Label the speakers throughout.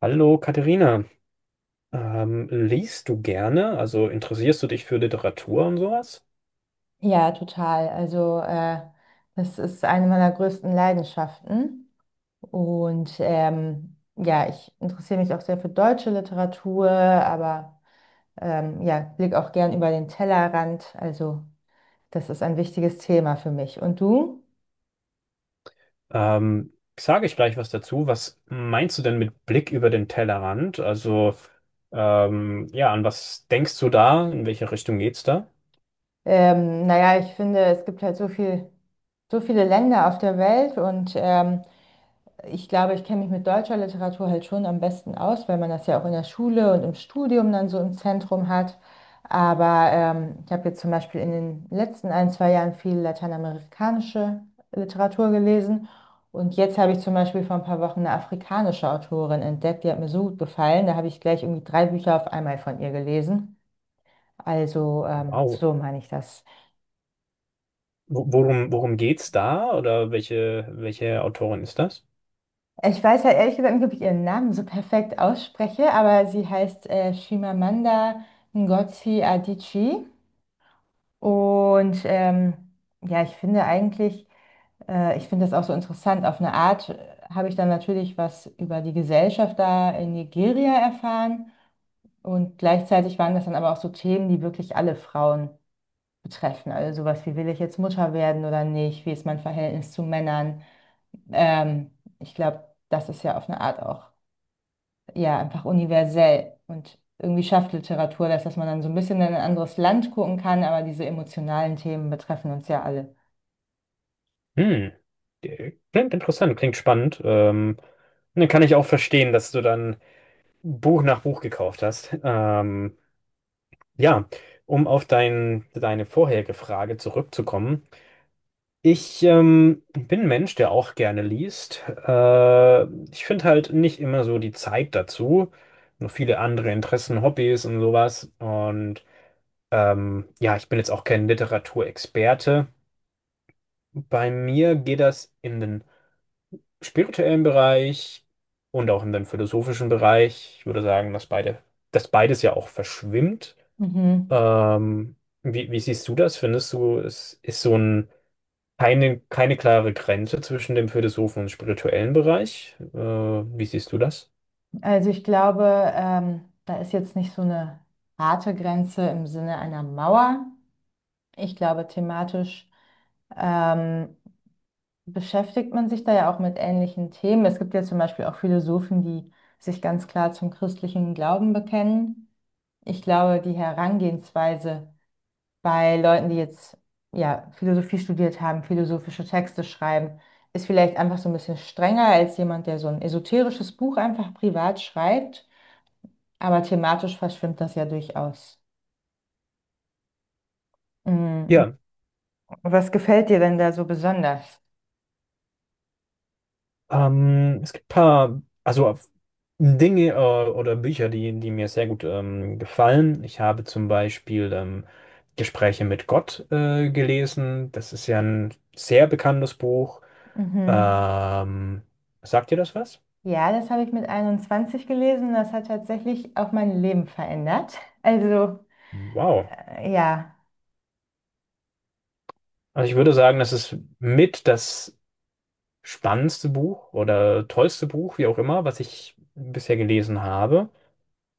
Speaker 1: Hallo Katharina, liest du gerne? Also interessierst du dich für Literatur und sowas?
Speaker 2: Ja, total. Das ist eine meiner größten Leidenschaften. Ja, ich interessiere mich auch sehr für deutsche Literatur, aber ja, blicke auch gern über den Tellerrand. Also das ist ein wichtiges Thema für mich. Und du?
Speaker 1: Ähm, Sage ich gleich was dazu. Was meinst du denn mit Blick über den Tellerrand? Also ja, an was denkst du da? In welche Richtung geht's da?
Speaker 2: Naja, ich finde, es gibt halt so viel, so viele Länder auf der Welt und ich glaube, ich kenne mich mit deutscher Literatur halt schon am besten aus, weil man das ja auch in der Schule und im Studium dann so im Zentrum hat. Aber ich habe jetzt zum Beispiel in den letzten ein, zwei Jahren viel lateinamerikanische Literatur gelesen. Und jetzt habe ich zum Beispiel vor ein paar Wochen eine afrikanische Autorin entdeckt, die hat mir so gut gefallen. Da habe ich gleich irgendwie drei Bücher auf einmal von ihr gelesen.
Speaker 1: Wow.
Speaker 2: So meine ich das.
Speaker 1: Worum geht's da? Oder welche Autorin ist das?
Speaker 2: Ich weiß halt ehrlich gesagt nicht, ob ich ihren Namen so perfekt ausspreche, aber sie heißt Chimamanda Ngozi Adichie. Und ähm, ja, ich finde eigentlich, ich finde das auch so interessant. Auf eine Art habe ich dann natürlich was über die Gesellschaft da in Nigeria erfahren. Und gleichzeitig waren das dann aber auch so Themen, die wirklich alle Frauen betreffen. Also sowas wie, will ich jetzt Mutter werden oder nicht? Wie ist mein Verhältnis zu Männern? Ähm, Ich glaube, das ist ja auf eine Art auch ja, einfach universell. Und irgendwie schafft Literatur das, dass man dann so ein bisschen in ein anderes Land gucken kann, aber diese emotionalen Themen betreffen uns ja alle.
Speaker 1: Hm. Klingt interessant, klingt spannend. Dann kann ich auch verstehen, dass du dann Buch nach Buch gekauft hast. Ja, um auf deine vorherige Frage zurückzukommen. Ich bin ein Mensch, der auch gerne liest. Ich finde halt nicht immer so die Zeit dazu. Nur viele andere Interessen, Hobbys und sowas. Und ja, ich bin jetzt auch kein Literaturexperte. Bei mir geht das in den spirituellen Bereich und auch in den philosophischen Bereich. Ich würde sagen, dass beides ja auch verschwimmt.
Speaker 2: Mhm.
Speaker 1: Ähm, wie siehst du das? Findest du, es ist so ein, keine, keine klare Grenze zwischen dem Philosophen und spirituellen Bereich? Wie siehst du das?
Speaker 2: Also ich glaube, da ist jetzt nicht so eine harte Grenze im Sinne einer Mauer. Ich glaube, thematisch ähm, beschäftigt man sich da ja auch mit ähnlichen Themen. Es gibt ja zum Beispiel auch Philosophen, die sich ganz klar zum christlichen Glauben bekennen. Ich glaube, die Herangehensweise bei Leuten, die jetzt ja Philosophie studiert haben, philosophische Texte schreiben, ist vielleicht einfach so ein bisschen strenger als jemand, der so ein esoterisches Buch einfach privat schreibt. Aber thematisch verschwimmt das ja durchaus. Mhm.
Speaker 1: Ja,
Speaker 2: Was gefällt dir denn da so besonders?
Speaker 1: es gibt ein paar, also Dinge oder Bücher, die mir sehr gut gefallen. Ich habe zum Beispiel Gespräche mit Gott gelesen. Das ist ja ein sehr bekanntes Buch.
Speaker 2: Mhm.
Speaker 1: Ähm, Sagt dir das was?
Speaker 2: Ja, das habe ich mit 21 gelesen. Das hat tatsächlich auch mein Leben verändert. Also,
Speaker 1: Wow.
Speaker 2: äh, ja,
Speaker 1: Also ich würde sagen, das ist mit das spannendste Buch oder tollste Buch, wie auch immer, was ich bisher gelesen habe.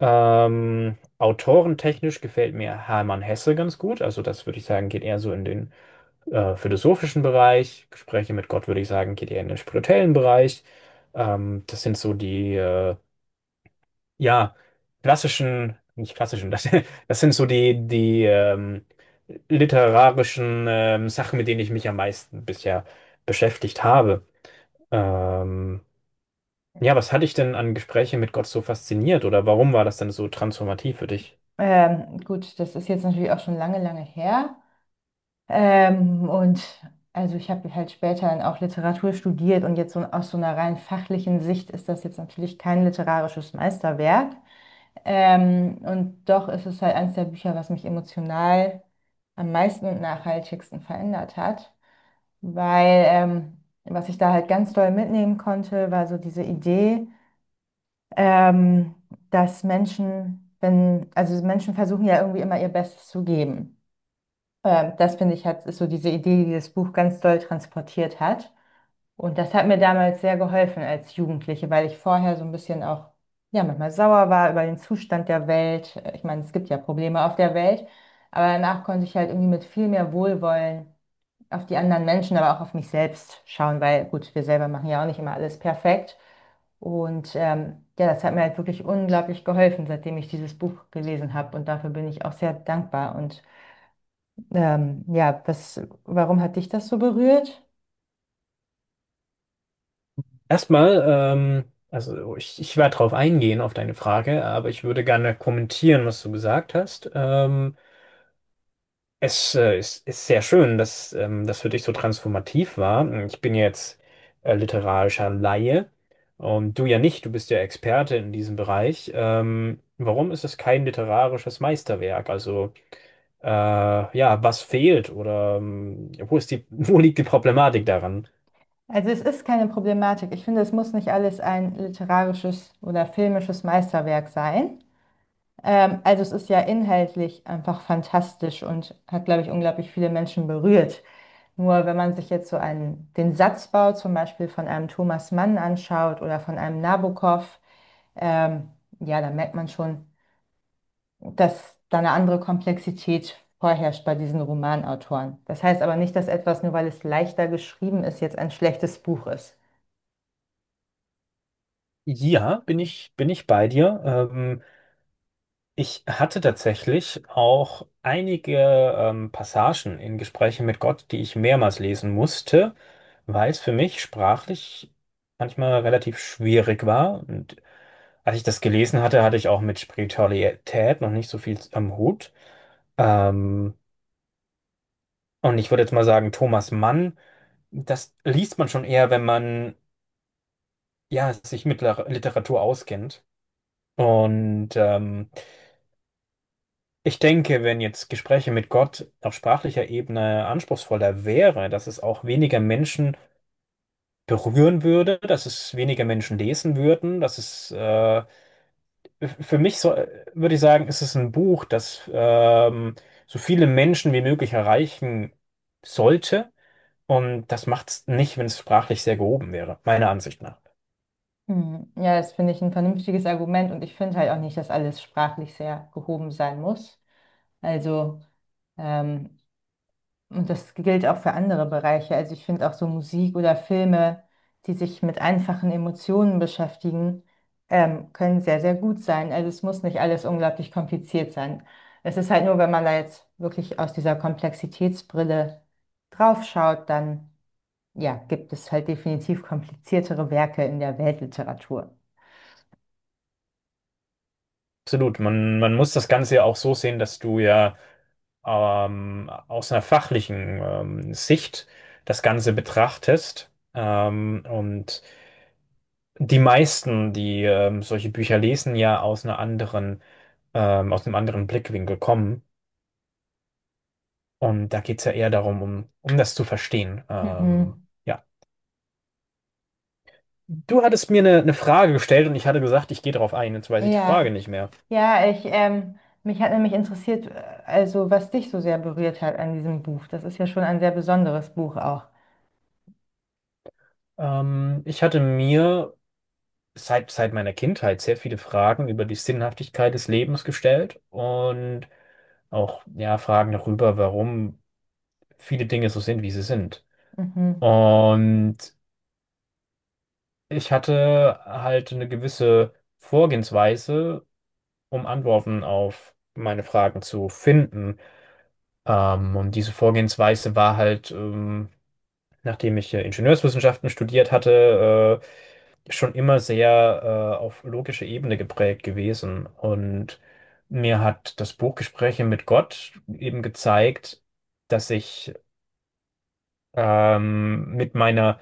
Speaker 1: Autorentechnisch gefällt mir Hermann Hesse ganz gut. Also das würde ich sagen, geht eher so in den philosophischen Bereich. Gespräche mit Gott würde ich sagen, geht eher in den spirituellen Bereich. Das sind so ja, klassischen, nicht klassischen, das, das sind so die literarischen Sachen, mit denen ich mich am meisten bisher beschäftigt habe. Ähm, ja, was hat dich denn an Gesprächen mit Gott so fasziniert oder warum war das denn so transformativ für dich?
Speaker 2: gut, das ist jetzt natürlich auch schon lange, lange her. Und also ich habe halt später dann auch Literatur studiert und jetzt so aus so einer rein fachlichen Sicht ist das jetzt natürlich kein literarisches Meisterwerk. Und doch ist es halt eines der Bücher, was mich emotional am meisten und nachhaltigsten verändert hat, weil was ich da halt ganz doll mitnehmen konnte, war so diese Idee, ähm, dass Menschen, wenn, also Menschen versuchen ja irgendwie immer ihr Bestes zu geben. Das finde ich halt ist so diese Idee, die das Buch ganz doll transportiert hat. Und das hat mir damals sehr geholfen als Jugendliche, weil ich vorher so ein bisschen auch, ja, manchmal sauer war über den Zustand der Welt. Ich meine, es gibt ja Probleme auf der Welt, aber danach konnte ich halt irgendwie mit viel mehr Wohlwollen auf die anderen Menschen, aber auch auf mich selbst schauen, weil gut, wir selber machen ja auch nicht immer alles perfekt. Und ja, das hat mir halt wirklich unglaublich geholfen, seitdem ich dieses Buch gelesen habe. Und dafür bin ich auch sehr dankbar. Und ja, was, warum hat dich das so berührt?
Speaker 1: Erstmal, ich werde darauf eingehen, auf deine Frage, aber ich würde gerne kommentieren, was du gesagt hast. Ist sehr schön, dass das für dich so transformativ war. Ich bin ja jetzt literarischer Laie und du ja nicht, du bist ja Experte in diesem Bereich. Warum ist es kein literarisches Meisterwerk? Also äh, ja, was fehlt oder wo ist die, wo liegt die Problematik daran?
Speaker 2: Also es ist keine Problematik. Ich finde, es muss nicht alles ein literarisches oder filmisches Meisterwerk sein. Also es ist ja inhaltlich einfach fantastisch und hat, glaube ich, unglaublich viele Menschen berührt. Nur wenn man sich jetzt so einen, den Satzbau zum Beispiel von einem Thomas Mann anschaut oder von einem Nabokov, ähm, ja, dann merkt man schon, dass da eine andere Komplexität vorherrscht bei diesen Romanautoren. Das heißt aber nicht, dass etwas, nur weil es leichter geschrieben ist, jetzt ein schlechtes Buch ist.
Speaker 1: Ja, bin ich bei dir. Ich hatte tatsächlich auch einige Passagen in Gesprächen mit Gott, die ich mehrmals lesen musste, weil es für mich sprachlich manchmal relativ schwierig war. Und als ich das gelesen hatte, hatte ich auch mit Spiritualität noch nicht so viel am Hut. Ähm, und ich würde jetzt mal sagen, Thomas Mann das liest man schon eher, wenn man ja, sich mit Literatur auskennt. Und ich denke, wenn jetzt Gespräche mit Gott auf sprachlicher Ebene anspruchsvoller wäre, dass es auch weniger Menschen berühren würde, dass es weniger Menschen lesen würden, dass es für mich so, würde ich sagen, ist es ein Buch, das so viele Menschen wie möglich erreichen sollte. Und das macht es nicht, wenn es sprachlich sehr gehoben wäre, meiner Ansicht nach.
Speaker 2: Hm. Ja, das finde ich ein vernünftiges Argument und ich finde halt auch nicht, dass alles sprachlich sehr gehoben sein muss. Also ähm, Und das gilt auch für andere Bereiche. Also ich finde auch so Musik oder Filme, die sich mit einfachen Emotionen beschäftigen, können sehr, sehr gut sein. Also es muss nicht alles unglaublich kompliziert sein. Es ist halt nur, wenn man da jetzt wirklich aus dieser Komplexitätsbrille draufschaut, dann ja, gibt es halt definitiv kompliziertere Werke in der Weltliteratur.
Speaker 1: Absolut. Man muss das Ganze ja auch so sehen, dass du ja aus einer fachlichen Sicht das Ganze betrachtest. Und die meisten, die solche Bücher lesen, ja aus einer anderen, aus einem anderen Blickwinkel kommen. Und da geht es ja eher darum, um das zu verstehen.
Speaker 2: Mhm.
Speaker 1: Ja. Du hattest mir eine Frage gestellt und ich hatte gesagt, ich gehe darauf ein. Jetzt weiß ich die Frage
Speaker 2: Ja.
Speaker 1: nicht mehr.
Speaker 2: Ja, ich, ähm, Mich hat nämlich interessiert, also was dich so sehr berührt hat an diesem Buch. Das ist ja schon ein sehr besonderes Buch auch.
Speaker 1: Ich hatte mir seit meiner Kindheit sehr viele Fragen über die Sinnhaftigkeit des Lebens gestellt und auch ja, Fragen darüber, warum viele Dinge so sind, wie sie sind.
Speaker 2: Mhm,
Speaker 1: Und ich hatte halt eine gewisse Vorgehensweise, um Antworten auf meine Fragen zu finden. Und diese Vorgehensweise war halt, nachdem ich Ingenieurswissenschaften studiert hatte, schon immer sehr auf logische Ebene geprägt gewesen. Und mir hat das Buch Gespräche mit Gott eben gezeigt, dass ich mit meiner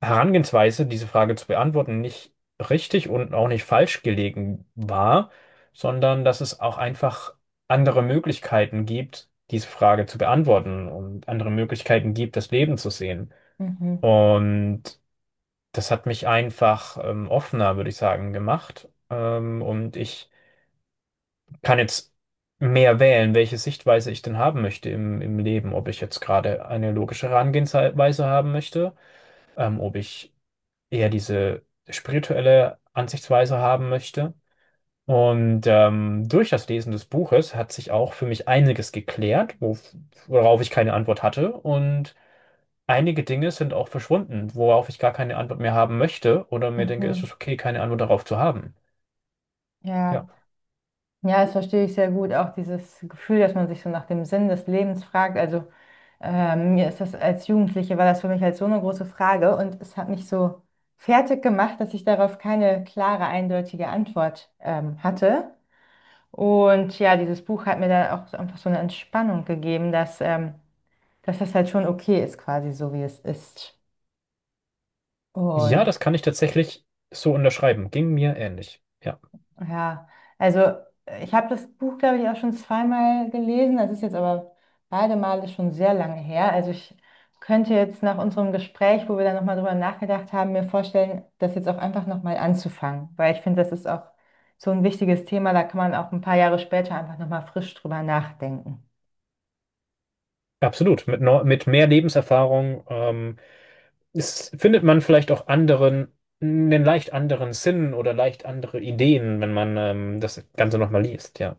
Speaker 1: Herangehensweise, diese Frage zu beantworten, nicht richtig und auch nicht falsch gelegen war, sondern dass es auch einfach andere Möglichkeiten gibt, diese Frage zu beantworten und andere Möglichkeiten gibt, das Leben zu sehen.
Speaker 2: mhm,
Speaker 1: Und das hat mich einfach offener, würde ich sagen, gemacht. Und ich kann jetzt mehr wählen, welche Sichtweise ich denn haben möchte im Leben. Ob ich jetzt gerade eine logische Herangehensweise haben möchte, ob ich eher diese spirituelle Ansichtsweise haben möchte. Und durch das Lesen des Buches hat sich auch für mich einiges geklärt, worauf ich keine Antwort hatte. Und einige Dinge sind auch verschwunden, worauf ich gar keine Antwort mehr haben möchte oder mir denke, es
Speaker 2: mhm.
Speaker 1: ist okay, keine Antwort darauf zu haben. Ja.
Speaker 2: Ja. Ja, das verstehe ich sehr gut. Auch dieses Gefühl, dass man sich so nach dem Sinn des Lebens fragt. Mir ist das als Jugendliche war das für mich halt so eine große Frage und es hat mich so fertig gemacht, dass ich darauf keine klare, eindeutige Antwort hatte. Und ja, dieses Buch hat mir dann auch so einfach so eine Entspannung gegeben, dass das halt schon okay ist, quasi so wie es ist.
Speaker 1: Ja,
Speaker 2: Und
Speaker 1: das kann ich tatsächlich so unterschreiben. Ging mir ähnlich. Ja,
Speaker 2: ja, also ich habe das Buch, glaube ich, auch schon zweimal gelesen. Das ist jetzt aber beide Male schon sehr lange her. Also ich könnte jetzt nach unserem Gespräch, wo wir dann nochmal drüber nachgedacht haben, mir vorstellen, das jetzt auch einfach nochmal anzufangen, weil ich finde, das ist auch so ein wichtiges Thema, da kann man auch ein paar Jahre später einfach nochmal frisch drüber nachdenken.
Speaker 1: absolut. Mit mehr Lebenserfahrung findet man vielleicht auch anderen, einen leicht anderen Sinn oder leicht andere Ideen, wenn man das Ganze nochmal liest. Ja.